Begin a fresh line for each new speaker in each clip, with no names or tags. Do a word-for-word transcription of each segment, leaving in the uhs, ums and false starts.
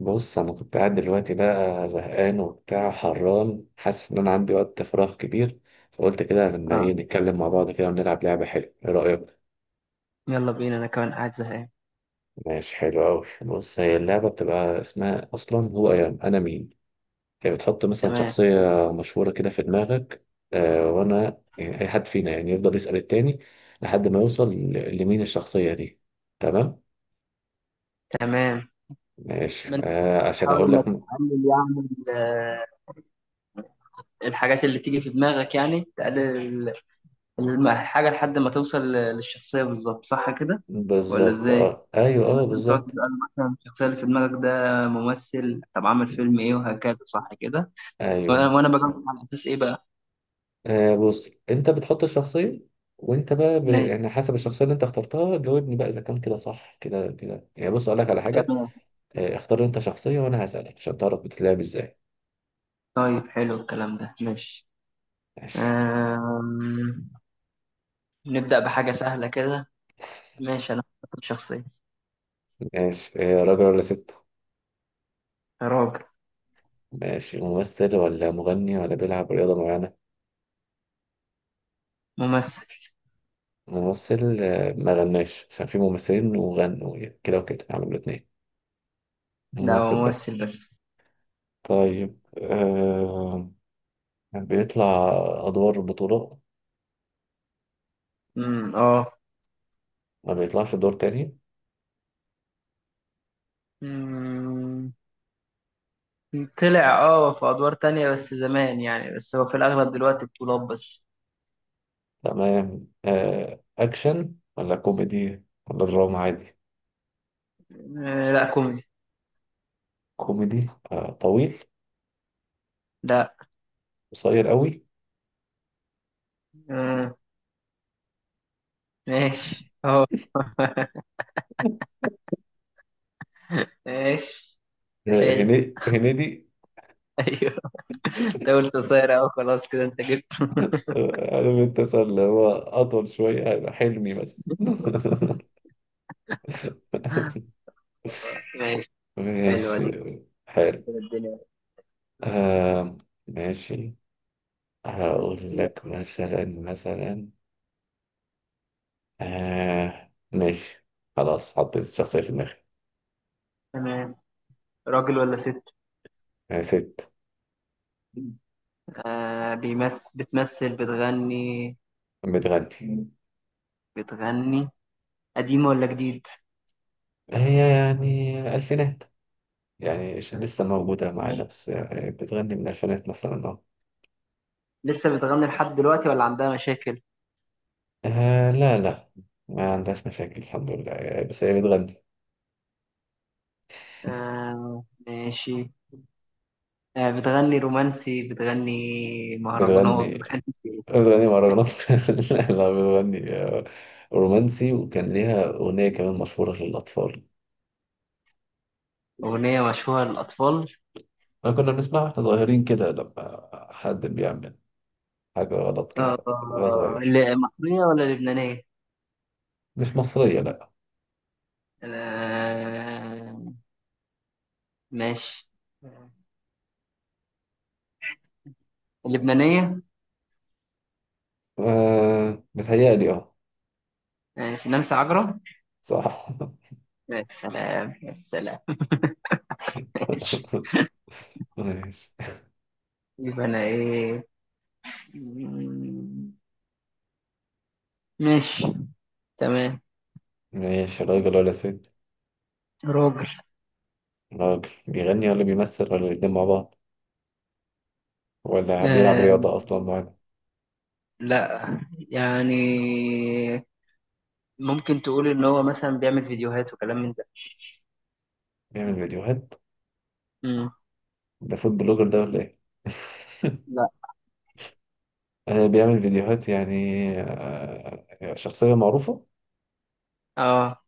بص انا كنت قاعد دلوقتي بقى زهقان وبتاع حران، حاسس ان انا عندي وقت فراغ كبير. فقلت كده، لما ايه
اه،
نتكلم مع بعض كده ونلعب لعبه حلوه؟ ايه رايك؟
يلا بينا. انا كمان قاعد زهقان.
ماشي، حلو قوي. بص، هي اللعبه بتبقى اسمها اصلا هو انا انا مين. هي بتحط مثلا
تمام.
شخصيه مشهوره كده في دماغك. آه، وانا يعني اي حد فينا يعني يفضل يسال التاني لحد ما يوصل ل- لمين الشخصيه دي. تمام.
تمام،
ماشي
ما انت
آه، عشان
بتحاول
اقول
انك
لك م-
تقلل يعني ال- الحاجات اللي تيجي في دماغك يعني تقلل ال- الم- الحاجة لحد ما توصل ل- للشخصية بالظبط، صح كده ولا
بالظبط.
ازاي؟
اه ايوه،
يعني
اه
مثلا تقعد
بالظبط.
تسأل مثلا الشخصية اللي في دماغك ده ممثل، طب عامل فيلم ايه وهكذا، صح كده؟ وانا
ايوه.
وأنا بجاوب على اساس ايه بقى؟
آه بص، انت بتحط الشخصية، وانت بقى ب...
ماشي.
يعني حسب الشخصية اللي انت اخترتها جاوبني بقى اذا كان كده صح كده كده. يعني بص، اقول لك على حاجة.
تمام.
آه، اختار انت شخصية وانا هسألك عشان تعرف بتتلعب ازاي.
طيب حلو الكلام ده، ماشي.
ماشي.
آم... نبدأ بحاجة سهلة كده. ماشي، انا اخترت شخصية.
ماشي آه، راجل ولا ست؟
راجل.
ماشي، ممثل ولا مغني ولا بيلعب رياضة معينة؟
ممثل.
ممثل آه، ما غناش، عشان في ممثلين وغنوا يعني كده وكده، عملوا الاتنين.
لا، هو
ممثل بس.
ممثل بس.
طيب آه، بيطلع أدوار بطولة؟
امم اه.
ما بيطلعش دور تاني؟
مم. طلع اه في ادوار تانية بس زمان، يعني بس هو في الاغلب دلوقتي بطولات بس.
تمام آه، أكشن ولا كوميدي ولا دراما عادي؟
آه لا، كوميدي.
كوميدي آه، طويل؟
لا.
قصير قوي؟
آه. ماشي اه. ماشي.
آه،
حلو
هني- هنيدي.
ايوه. انت قلت قصير اهو، خلاص كده انت جبت.
آه، عارف انت مثلا اللي هو أطول شوية هيبقى حلمي مثلا.
ماشي. حلوه
ماشي،
دي.
حلو.
كده الدنيا.
آه، ماشي. هقول
لا.
لك مثلا مثلا آه، ماشي. خلاص حطيت الشخصية في دماغي.
تمام. راجل ولا ست؟
آه، ست.
آه، بيمثل، بتمثل، بتغني؟
بتغني.
بتغني. قديم ولا جديد؟
هي يعني ألفينات، يعني ش- لسه موجودة معانا، بس آه، بتغني من الألفينات مثلا، أه.
لسه بتغني لحد دلوقتي ولا عندها مشاكل؟
آه، لا لا، ما عندهاش مشاكل الحمد لله. آه، بس هي بتغني.
آه ماشي. آه، بتغني رومانسي، بتغني مهرجانات،
بتغني.
بتغني.
بتغني مهرجانات؟ لا لا، بتغني آه، رومانسي. وكان ليها أغنية كمان مشهورة للأطفال.
أغنية مشهورة للأطفال.
أنا كنا بنسمعها واحنا صغيرين كده لما حد بيعمل حاجة غلط كده
آه،
وهو صغير.
اللي- مصرية ولا لبنانية؟
مش مصرية، لا.
آه ماشي. اللبنانية.
آه، متهيألي اه.
ماشي، نانسي عجرم.
صح.
يا سلام يا سلام. ماشي.
ماشي.
يبقى أنا إيه؟ مم، ماشي. تمام.
ماشي، راجل ولا ست؟
راجل.
راجل، بيغني ولا بيمثل ولا الاتنين مع بعض؟ ولا بيلعب
آه
رياضة أصلا معانا؟
لا، يعني ممكن تقول ان هو مثلا بيعمل فيديوهات وكلام من ده.
بيعمل فيديوهات؟
امم
ده فود بلوجر ده ولا إيه؟
لا.
آه، بيعمل فيديوهات يعني. آه، شخصية معروفة.
اه،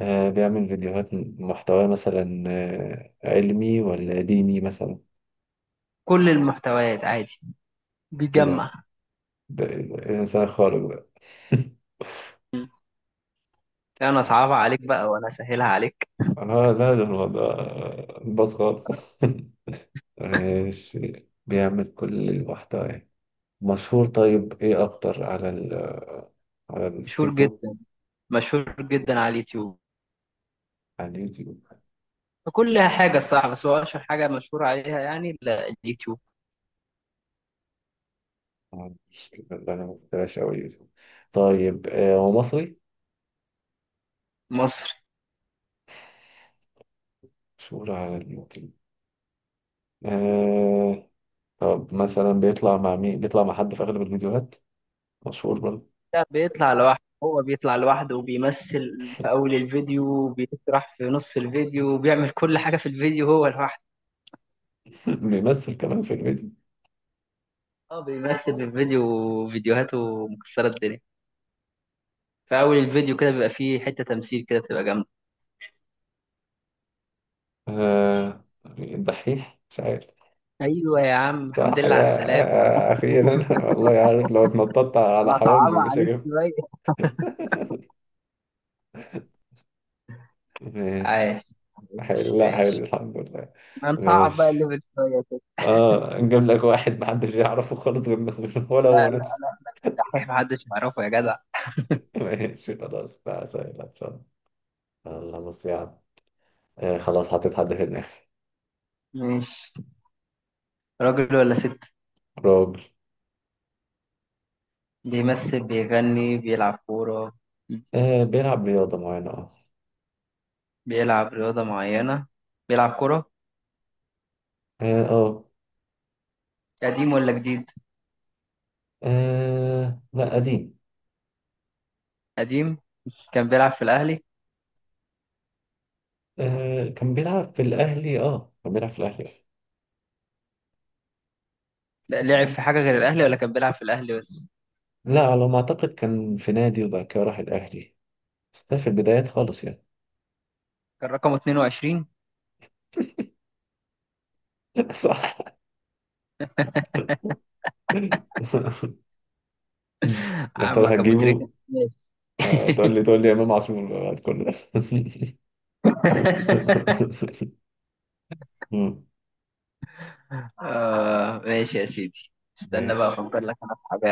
آه، بيعمل فيديوهات محتوى مثلا آه، علمي ولا ديني مثلا؟
كل المحتويات عادي.
إيه ده؟
بيجمع.
ده إيه إنسان خارق ده!
مم. لا، انا صعبة عليك بقى وانا سهلها عليك.
أنا لا، ده هو ده باص خالص. ماشي، بيعمل كل المحتوى يعني. مشهور، طيب إيه أكتر، على على
مشهور
التيك توك؟
جدا، مشهور جدا على اليوتيوب.
على اليوتيوب؟
كل حاجة الصراحة، بس هو اشهر حاجة مشهور عليها يعني ال- اليوتيوب.
آه، مش لا، أنا ما بتابعش أوي اليوتيوب. طيب آه، هو مصري؟
مصر.
مشهور على اليوتيوب. آه. طب مثلا بيطلع مع مين؟ بيطلع مع حد في أغلب الفيديوهات مشهور برضه؟
ده بيطلع لوحده، هو بيطلع لوحده وبيمثل في اول الفيديو، وبيشرح في نص الفيديو وبيعمل كل حاجة في الفيديو هو لوحده.
بيمثل كمان في الفيديو؟
اه بيمثل في الفيديو، فيديوهاته مكسرة الدنيا. في اول الفيديو كده بيبقى فيه حته تمثيل كده بتبقى جامده.
آه، الدحيح مش عارف؟
ايوه يا عم، الحمد
صح
لله
يا!
على السلامه.
آه أخيرا. والله عارف، لو اتنططت على
انا
حواجبي
صعبها
مش
عليك
هجيب.
شويه.
ماشي.
عايش. عايش
حلو، لا حلو
ماشي.
الحمد لله.
ما نصعب بقى
ماشي.
الليفل شويه كده.
اه، نجيب لك واحد محدش يعرفه خالص، غير غير ولا
لا
هو
لا
نفسه.
لا لا، الدحيح محدش يعرفه يا جدع.
ماشي خلاص، بقى سهل إن شاء الله. يلا، بص يا عم. آه، خلاص حطيت حد في دماغي.
ماشي. راجل ولا ست؟
راجل.
بيمثل، بيغني، بيلعب كورة؟
آه، بيلعب رياضة معينة اه.
بيلعب رياضة معينة. بيلعب كورة.
اه آه.
قديم ولا جديد؟
آه، لا قديم.
قديم. كان بيلعب في الأهلي.
آه، كان بيلعب في الأهلي. اه كان بيلعب في الأهلي.
لا، لعب في حاجة غير الأهلي ولا كان بيلعب في الأهلي بس؟
لا، على ما أعتقد كان في نادي وبعد كده راح الأهلي، بس ده في البدايات خالص يعني.
كان رقمه اتنين وعشرين.
صح. يا ترى
عمك أبو
هتجيبه؟
تريكة، ماشي.
آه، تقول لي تقول لي إمام عاشور بعد كل ده؟ مم.
آه ماشي يا سيدي. استنى بقى
ماشي.
افكر لك انا في حاجه.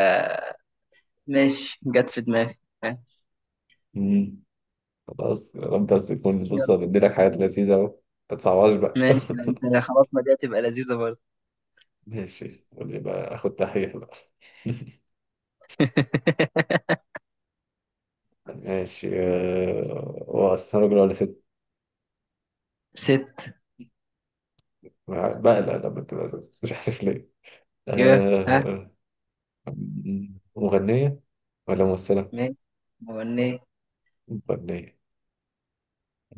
ماشي، جت في دماغي. ها،
مم. خلاص يا رب، بس تكون، بص،
يلا.
بديلك حاجات لذيذة أهو، ما تصعبهاش بقى.
ماشي. لا، انت خلاص، ما دي هتبقى لذيذه برضه.
ماشي، قول لي بقى آخد تحقيق بقى. ماشي آه، هو أصلا راجل ولا ست؟
ست.
بقلق لما تبقى ست، مش عارف ليه.
يا ها.
أه... مغنية ولا ممثلة؟
ماشي. مغنية.
مغنية.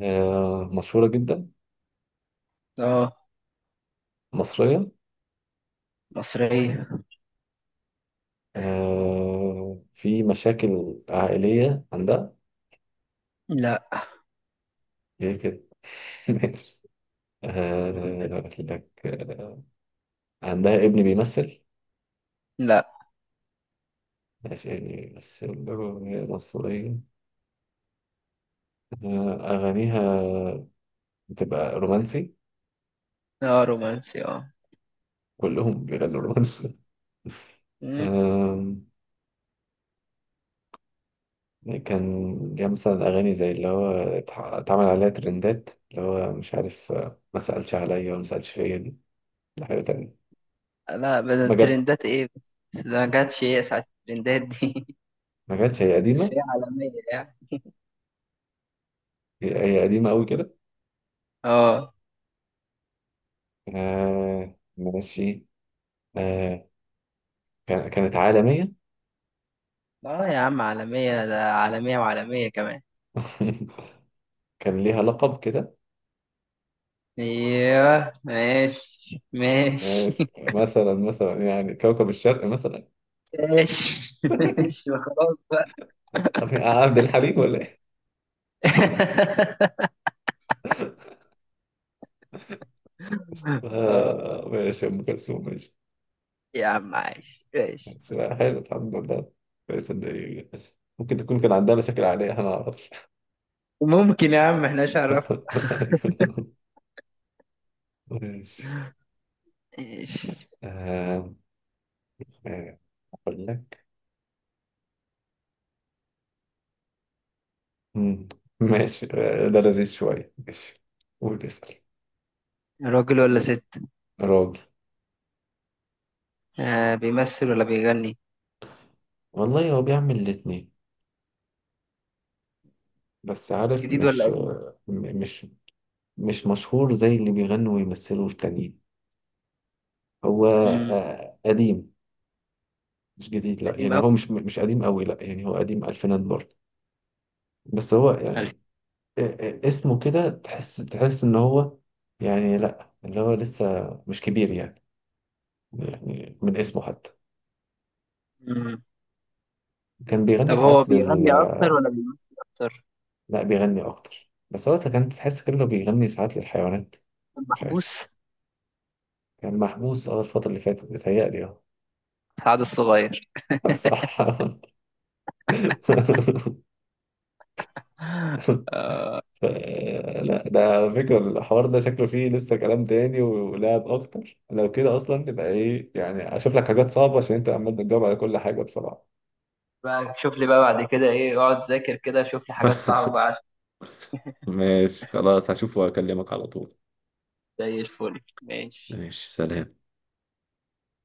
أه... مشهورة جدا؟
اه.
مصرية؟
مصرية.
أه... في مشاكل عائلية عندها؟
لا
هي كده. آه، أقول لك آه، عندها ابن بيمثل؟
لا.
ماشي، يعني بيمثل وهي مصرية. آه، أغانيها بتبقى رومانسي؟
اه، رومانسي اه.
كلهم بيغنوا رومانسي.
مم.
آم، كان ليها مثلا أغاني زي اللي هو اتح- اتعمل عليها ترندات، اللي هو مش عارف آه، ما سألش عليا وما سألش فيا دي؟ لا، حاجة تانية.
لا، بدل
ما جت.
ترندات ايه، بس بس ده ما جاتش ايه ساعة الترندات دي.
ما جاتش، هي
بس
قديمة.
هي عالمية يعني.
هي هي قديمة أوي كده.
اه
آه، ماشي. آه، كان- كانت عالمية.
اه يا عم، عالمية، ده عالمية وعالمية كمان.
كان ليها لقب كده.
ايوه ماشي، ماشي.
ماشي مثلا مثلا يعني كوكب الشرق مثلا؟
ماشي ماشي، خلاص بقى.
عارف- يعني عبد الحليم ولا ايه؟
آه،
آه، ماشي، ام كلثوم. ماشي.
يا عم عايش ماشي.
بس لا، حلو الحمد لله. كويس ان ممكن تكون كان عندها مشاكل عائليه احنا ما نعرفش.
ممكن يا عم احنا عرفنا.
ماشي.
ماشي.
آه، آه، اقول لك. مم. ماشي آه، ده لذيذ شويه. ماشي، قول اسال.
راجل ولا ست؟
راجل.
آه، بيمثل ولا بيغني؟
والله هو بيعمل الاتنين، بس عارف
جديد ولا
مش
قديم؟
آه، م- مش مش مشهور زي اللي بيغنوا ويمثلوا التانيين. هو
امم
آه، قديم. مش جديد، لا
قديم
يعني
أوي.
هو مش مش قديم قوي، لا يعني هو قديم الفينات برضه. بس هو
ألف.
يعني آه، آه، اسمه كده تحس تحس ان هو يعني لا اللي هو لسه مش كبير يعني. يعني من اسمه حتى
امم
كان بيغني
طب هو
ساعات لل.
بيغني اكتر ولا بيمثل اكتر؟
لا، بيغني اكتر، بس هو كان تحس كده إنه بيغني ساعات للحيوانات. مش عارف.
المحبوس.
كان محبوس اه الفترة اللي فاتت بيتهيألي اه.
سعد الصغير.
صح. ف- لا، ده على فكرة الحوار ده شكله فيه لسه كلام تاني ولعب أكتر. لو كده أصلا تبقى إيه يعني، أشوف لك حاجات صعبة عشان أنت عمال بتجاوب على كل حاجة بصراحة.
بقى شوف لي بقى بعد كده، ايه، اقعد ذاكر كده، شوف لي حاجات صعبة بقى عشان.
ماشي خلاص، هشوف واكلمك على طول.
زي الفل، ماشي.
ماشي، سلام.